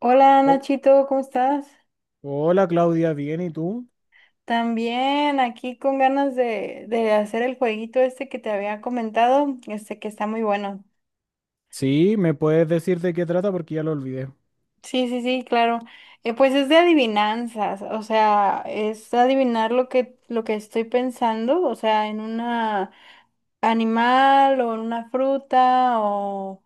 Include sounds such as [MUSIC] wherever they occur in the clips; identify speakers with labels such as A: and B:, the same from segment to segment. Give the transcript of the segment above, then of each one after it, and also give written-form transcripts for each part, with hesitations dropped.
A: Hola
B: Oh,
A: Nachito, ¿cómo estás?
B: hola Claudia, bien, ¿y tú?
A: También aquí con ganas de hacer el jueguito este que te había comentado, este que está muy bueno.
B: Sí, ¿me puedes decir de qué trata? Porque ya lo olvidé.
A: Sí, sí, sí, claro. Pues es de adivinanzas, o sea, es adivinar lo que estoy pensando, o sea, en una animal o en una fruta o,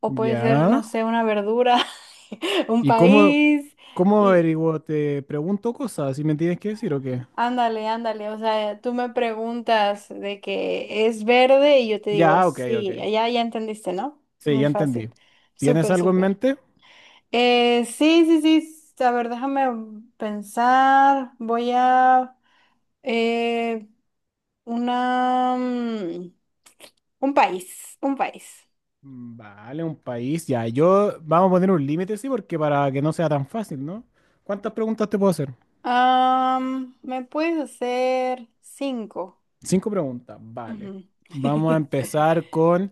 A: o puede ser,
B: Ya.
A: no sé, una verdura, [LAUGHS] un
B: ¿Y cómo,
A: país.
B: cómo averiguo? ¿Te pregunto cosas y me tienes que decir o qué?
A: Ándale, ándale, o sea, tú me preguntas de que es verde y yo te digo,
B: Ya, ok, ok.
A: sí, ya entendiste, ¿no?
B: Sí,
A: Muy
B: ya
A: fácil,
B: entendí. ¿Tienes
A: súper,
B: algo en
A: súper.
B: mente?
A: Sí, sí, sí, a ver, déjame pensar, voy a eh, una, mm, un país, un país.
B: Mm, vale, un país. Ya, yo vamos a poner un límite, sí, porque para que no sea tan fácil, ¿no? ¿Cuántas preguntas te puedo hacer?
A: ¿Me puedes hacer cinco?
B: Cinco preguntas, vale.
A: Ujú.
B: Vamos a
A: [LAUGHS]
B: empezar con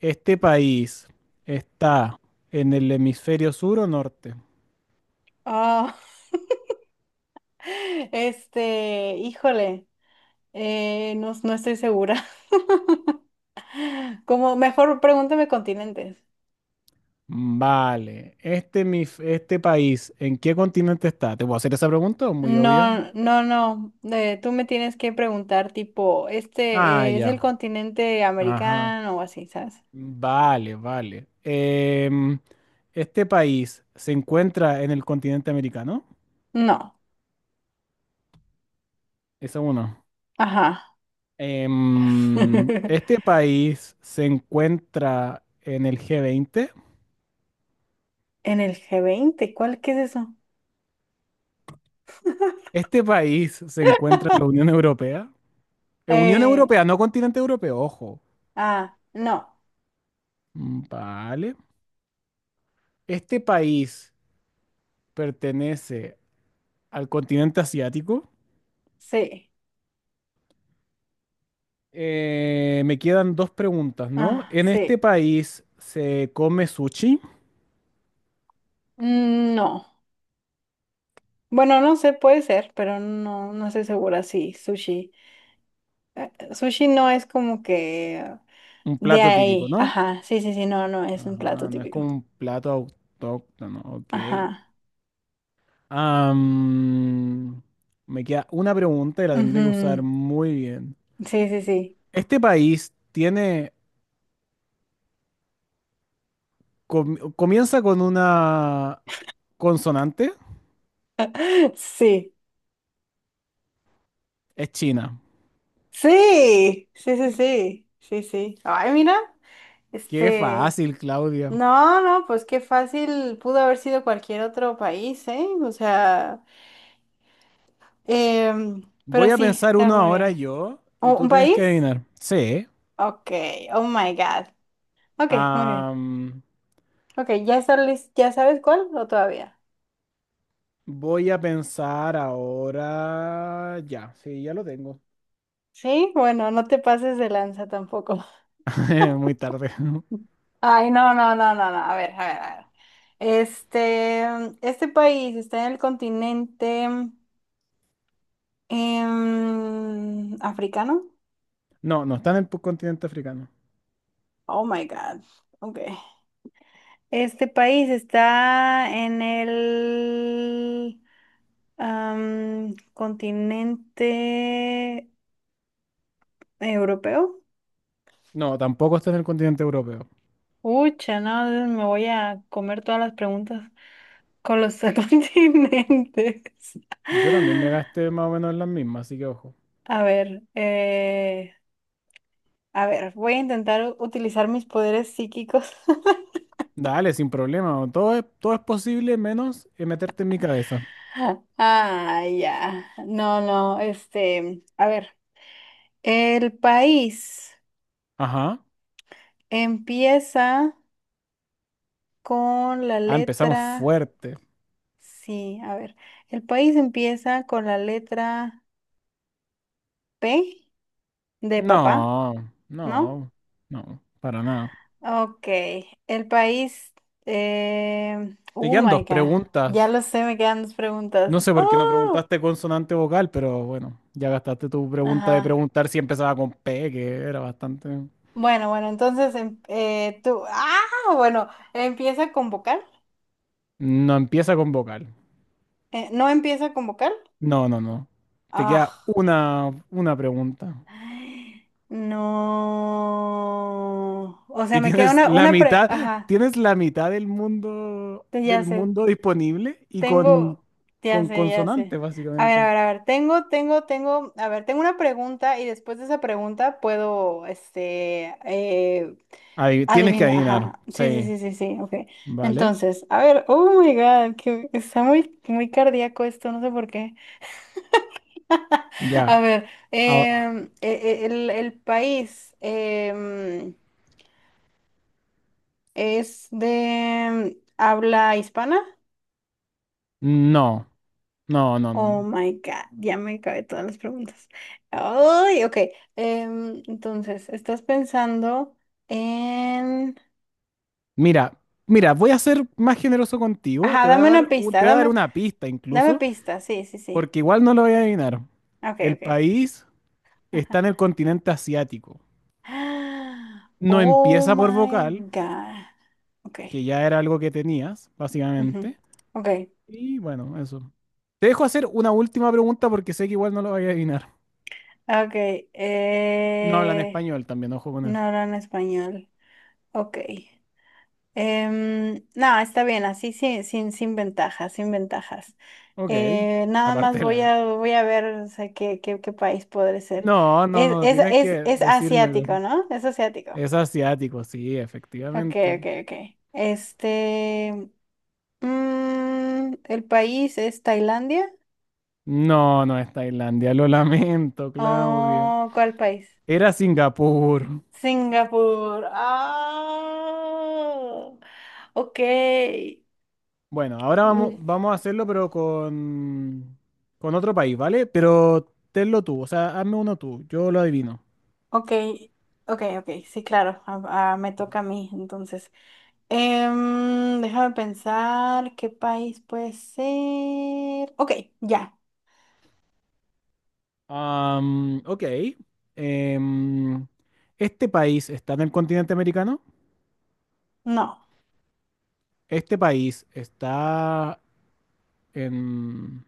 B: este país. ¿Está en el hemisferio sur o norte?
A: Ah, [LAUGHS] este, híjole, no, no estoy segura. Como mejor pregúntame continentes.
B: Mm, vale, este, mi, este país, ¿en qué continente está? ¿Te puedo hacer esa pregunta? ¿O muy obvia?
A: No, no, no. Tú me tienes que preguntar tipo,
B: Ah,
A: ¿este es el
B: ya.
A: continente
B: Ajá.
A: americano? O así, ¿sabes?
B: Vale, vale. ¿Este país se encuentra en el continente americano?
A: No.
B: Esa uno.
A: Ajá. [LAUGHS]
B: ¿Este país se encuentra en el G20?
A: ¿En el G20? ¿Cuál Qué es eso?
B: ¿Este país se encuentra en la Unión Europea? Unión
A: Eh,
B: Europea, no continente europeo, ojo.
A: no.
B: Mm, vale. ¿Este país pertenece al continente asiático?
A: Sí.
B: Me quedan dos preguntas, ¿no?
A: Ah,
B: En este
A: sí.
B: país se come sushi,
A: No. Bueno, no sé, puede ser, pero no, no estoy segura. Sí, sushi. Sushi no es como que
B: un
A: de
B: plato típico,
A: ahí.
B: ¿no?
A: Ajá. Sí, sí, sí, no, no, es un plato
B: Ajá, no es
A: típico.
B: como un plato autóctono, ok.
A: Ajá.
B: Am, me queda una pregunta y la tendré que usar
A: Ujú,
B: muy bien.
A: sí, sí, sí.
B: ¿Este país tiene, comienza con una consonante?
A: [LAUGHS] Sí.
B: Es China.
A: Sí. Sí, sí, sí. Sí, sí. Ay, mira.
B: Qué
A: Este.
B: fácil, Claudia.
A: No, no, pues qué fácil pudo haber sido cualquier otro país, ¿eh? O sea. em, pero
B: Voy a
A: sí,
B: pensar
A: está
B: uno
A: muy
B: ahora
A: bien.
B: yo y
A: ¿Un,
B: tú
A: un
B: tienes que
A: país?
B: adivinar. Sí,
A: Ok. Oh my God. Ok, muy bien.
B: Am,
A: Ok, ¿ya sabes cuál o todavía?
B: voy a pensar ahora. Ya, sí, ya lo tengo.
A: Sí, bueno, no te pases de lanza tampoco.
B: [LAUGHS] Muy tarde. [LAUGHS]
A: Ay, no, no, no, no, no. A ver, a ver, a ver. Este, este país está en el continente africano.
B: No, no está en el continente africano.
A: Oh my God. Ok. Este país está en el continente europeo.
B: No, tampoco está en el continente europeo.
A: Ucha, no, me voy a comer todas las preguntas con los [LAUGHS] continentes.
B: Yo también me gasté más o menos en las mismas, así que ojo.
A: A ver, eh, A ver, voy a intentar utilizar mis poderes psíquicos.
B: Dale, sin problema. Todo es posible menos meterte en mi cabeza.
A: [LAUGHS] Ah, ya. No, no, este, a ver. El país
B: Ajá.
A: empieza con la
B: Ah, empezamos
A: letra,
B: fuerte.
A: sí, a ver. El país empieza con la letra P de papá,
B: No,
A: ¿no?
B: no, no, para nada.
A: Ok. El país,
B: Te
A: oh
B: quedan
A: my
B: dos
A: God. Ya
B: preguntas.
A: lo sé, me quedan dos preguntas.
B: No sé por qué no
A: ¡Oh!
B: preguntaste consonante vocal, pero bueno, ya gastaste tu pregunta de
A: Ajá.
B: preguntar si empezaba con P, que era bastante...
A: Bueno, bueno, entonces ah, bueno, empieza con vocal.
B: No empieza con vocal.
A: ¿No empieza con vocal?
B: No, no, no. Te
A: Ah,
B: queda una pregunta.
A: ay, no. O sea,
B: Y
A: me queda
B: tienes
A: una,
B: la
A: una pre...
B: mitad,
A: Ajá,
B: tienes la mitad del mundo,
A: ya
B: del
A: sé,
B: mundo disponible y con,
A: tengo, ya
B: con
A: sé, ya
B: consonante,
A: sé. A ver,
B: básicamente.
A: a ver, a ver, tengo, a ver, tengo una pregunta y después de esa pregunta puedo,
B: Ahí, tienes que
A: Adivina,
B: adivinar.
A: ajá. Sí, sí,
B: Sí,
A: sí, sí, sí, ok.
B: ¿vale?
A: Entonces, a ver, oh my God, que está muy, muy cardíaco esto, no sé por qué. [LAUGHS] A
B: Ya.
A: ver,
B: Ah, ah,
A: el país es de habla hispana.
B: no, no, no, no,
A: Oh
B: no.
A: my God, ya me cabe todas las preguntas. Ay, ok. Entonces, estás pensando en...
B: Mira, mira, voy a ser más generoso contigo.
A: Ajá,
B: Te voy a
A: dame una
B: dar
A: pista, dame,
B: una pista
A: dame
B: incluso,
A: pista, sí, sí, sí.
B: porque igual no lo voy a adivinar.
A: Ok,
B: El
A: ok.
B: país está en
A: [LAUGHS]
B: el continente asiático.
A: [GASPS]
B: No
A: Oh
B: empieza por
A: my
B: vocal,
A: God. Okay.
B: que ya era algo que tenías,
A: Ujú.
B: básicamente.
A: Okay.
B: Y bueno, eso. Te dejo hacer una última pregunta porque sé que igual no lo voy a adivinar.
A: Okay.
B: Y no hablan español también, ojo con
A: No
B: eso.
A: hablan español. Okay. No, está bien, así sin ventajas, sin ventajas.
B: Ok,
A: Nada más
B: aparte de
A: voy
B: la...
A: a, voy a ver, o sea, qué país podré ser.
B: No, no,
A: Es,
B: no,
A: es,
B: tienes
A: es,
B: que
A: es
B: decírmelo.
A: asiático, ¿no? Es asiático.
B: Es asiático, sí,
A: Okay,
B: efectivamente.
A: okay, okay. Este, el país es Tailandia.
B: No, no es Tailandia, lo lamento, Claudia.
A: Oh, ¿cuál país?
B: Era Singapur.
A: Singapur. Ah, ok.
B: Bueno, ahora vamos,
A: Mm,
B: vamos a hacerlo, pero con otro país, ¿vale? Pero tenlo tú, o sea, hazme uno tú, yo lo adivino.
A: Ok, ok, ok. Sí, claro. Ah, me toca a mí, entonces. Déjame pensar qué país puede ser. Ok, ya.
B: Ok. Em, ¿Este país está en el continente americano?
A: No,
B: ¿Este país está en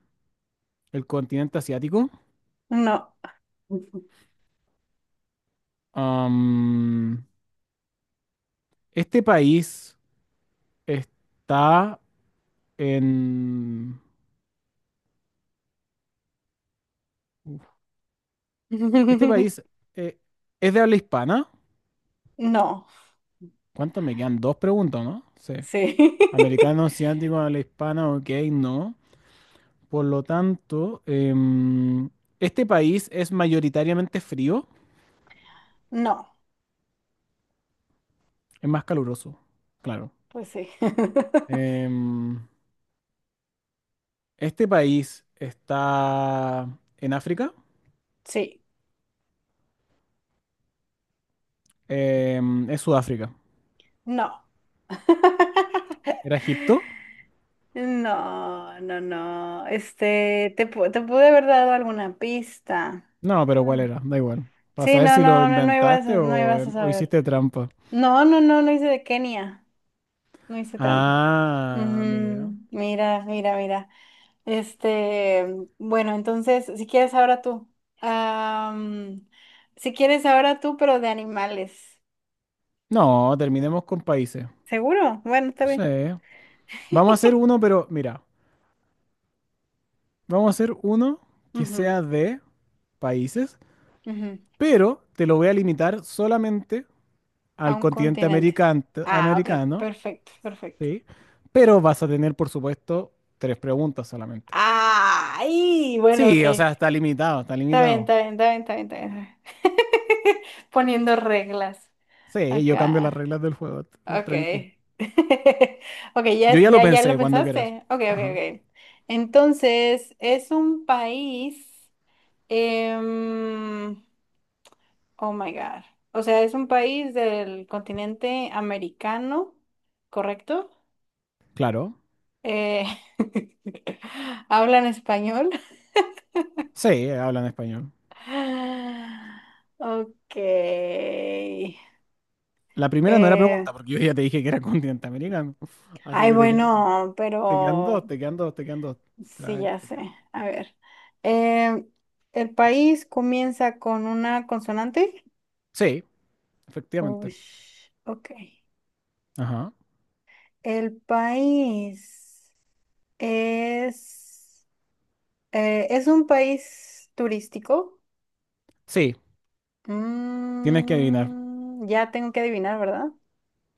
B: el continente asiático?
A: no.
B: Am, ¿Este país está en Este
A: [LAUGHS]
B: país eh, es de habla hispana.
A: No,
B: ¿Cuánto me quedan? Dos preguntas, ¿no? Sí.
A: sí. [LAUGHS]
B: Americano, asiático, habla hispana, ok, no. Por lo tanto, este país es mayoritariamente frío,
A: No,
B: es más caluroso, claro.
A: pues sí. [LAUGHS]
B: Em, este país está en África.
A: Sí,
B: Es Sudáfrica.
A: no. [LAUGHS]
B: ¿Era Egipto?
A: No, no, no. Este, te pude haber dado alguna pista.
B: No, pero ¿cuál
A: Bueno.
B: era? Da igual. Para
A: Sí,
B: saber
A: no,
B: si lo
A: no, no, no ibas
B: inventaste
A: a, no
B: o,
A: ibas a
B: o
A: saber.
B: hiciste trampa.
A: No, no, no, no hice de Kenia. No hice trampa. Ujú,
B: Ah, mira.
A: mira, mira, mira. Este, bueno, entonces, si quieres ahora tú. Am, si quieres ahora tú, pero de animales.
B: No, terminemos con países.
A: ¿Seguro? Bueno, está
B: Sí.
A: bien.
B: Vamos a
A: [LAUGHS]
B: hacer uno, pero mira, vamos a hacer uno que
A: Ujú,
B: sea de países,
A: ujú.
B: pero te lo voy a limitar solamente
A: A
B: al
A: un
B: continente
A: continente.
B: american-
A: Ah, ok,
B: americano,
A: perfecto, perfecto.
B: ¿sí? Pero vas a tener, por supuesto, tres preguntas solamente.
A: Ay, bueno, ok.
B: Sí, o sea, está
A: Está
B: limitado, está
A: bien,
B: limitado.
A: está bien, está bien, está bien, está bien. [LAUGHS] Poniendo reglas
B: Sí, yo cambio las
A: acá.
B: reglas del juego, t-
A: Ok.
B: tranqui.
A: [LAUGHS] Ok,
B: Yo ya lo
A: ya lo
B: pensé cuando quieras.
A: pensaste. Ok, ok,
B: Ajá,
A: ok. Entonces, es un país. em, oh my God. O sea, es un país del continente americano, ¿correcto?
B: claro.
A: Eh, [LAUGHS] ¿Hablan español?
B: Sí, hablan español.
A: [SIGHS] Ok.
B: La primera no era
A: Eh,
B: pregunta, porque yo ya te dije que era continente americano. [LAUGHS] Así
A: Ay,
B: que
A: bueno,
B: te quedan
A: pero
B: dos, te quedan dos, te quedan dos.
A: sí,
B: Tranqui,
A: ya
B: te
A: sé.
B: quedan dos.
A: A ver. Eh, ¿El país comienza con una consonante?
B: Sí, efectivamente.
A: Uy, ok.
B: Ajá.
A: El país es... ¿es un país turístico?
B: Sí, tienes que adivinar.
A: Ya tengo que adivinar, ¿verdad?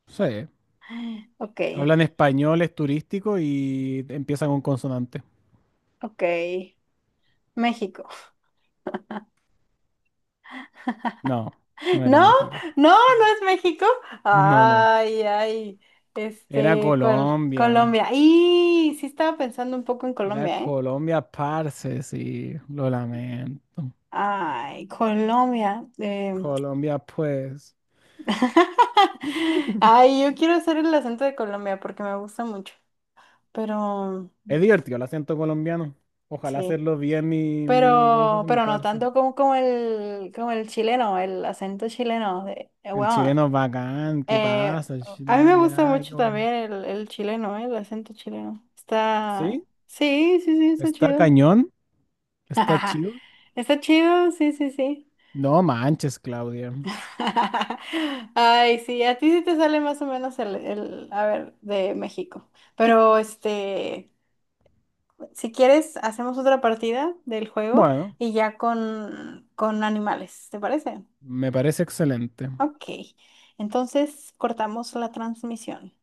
B: Sí.
A: [GASPS] [SIGHS] Ok,
B: Hablan español, es turístico y empiezan con consonante.
A: ok. México.
B: No, no era
A: No,
B: México.
A: no, no es México.
B: No, no.
A: Ay, ay,
B: Era
A: este, ¿cuál?
B: Colombia.
A: Colombia. Y sí estaba pensando un poco en
B: Era
A: Colombia, ¿eh?
B: Colombia, parce, sí. Lo lamento.
A: Ay, Colombia.
B: Colombia, pues.
A: [LAUGHS]
B: [LAUGHS]
A: Ay, yo quiero hacer el acento de Colombia porque me gusta mucho, pero
B: Es divertido el acento colombiano. Ojalá
A: sí,
B: hacerlo bien mi, ¿cómo se
A: pero,
B: dice? Mi
A: pero no
B: parso.
A: tanto como el chileno, el acento chileno de,
B: El
A: wow.
B: chileno es bacán, ¿qué
A: Eh,
B: pasa? El
A: a mí
B: chileno,
A: me gusta
B: ya, ay, qué
A: mucho
B: guam.
A: también el chileno, el acento chileno.
B: ¿Sí?
A: Sí, sí, sí, está
B: ¿Está
A: chido.
B: cañón? ¿Está chido?
A: [LAUGHS] Está chido, sí, sí, sí.
B: No manches, Claudia.
A: [LAUGHS] Ay, sí, a ti sí te sale más o menos a ver, de México. Pero este, si quieres, hacemos otra partida del juego
B: Bueno,
A: y ya con animales, ¿te parece?
B: me parece excelente.
A: Ok, entonces cortamos la transmisión.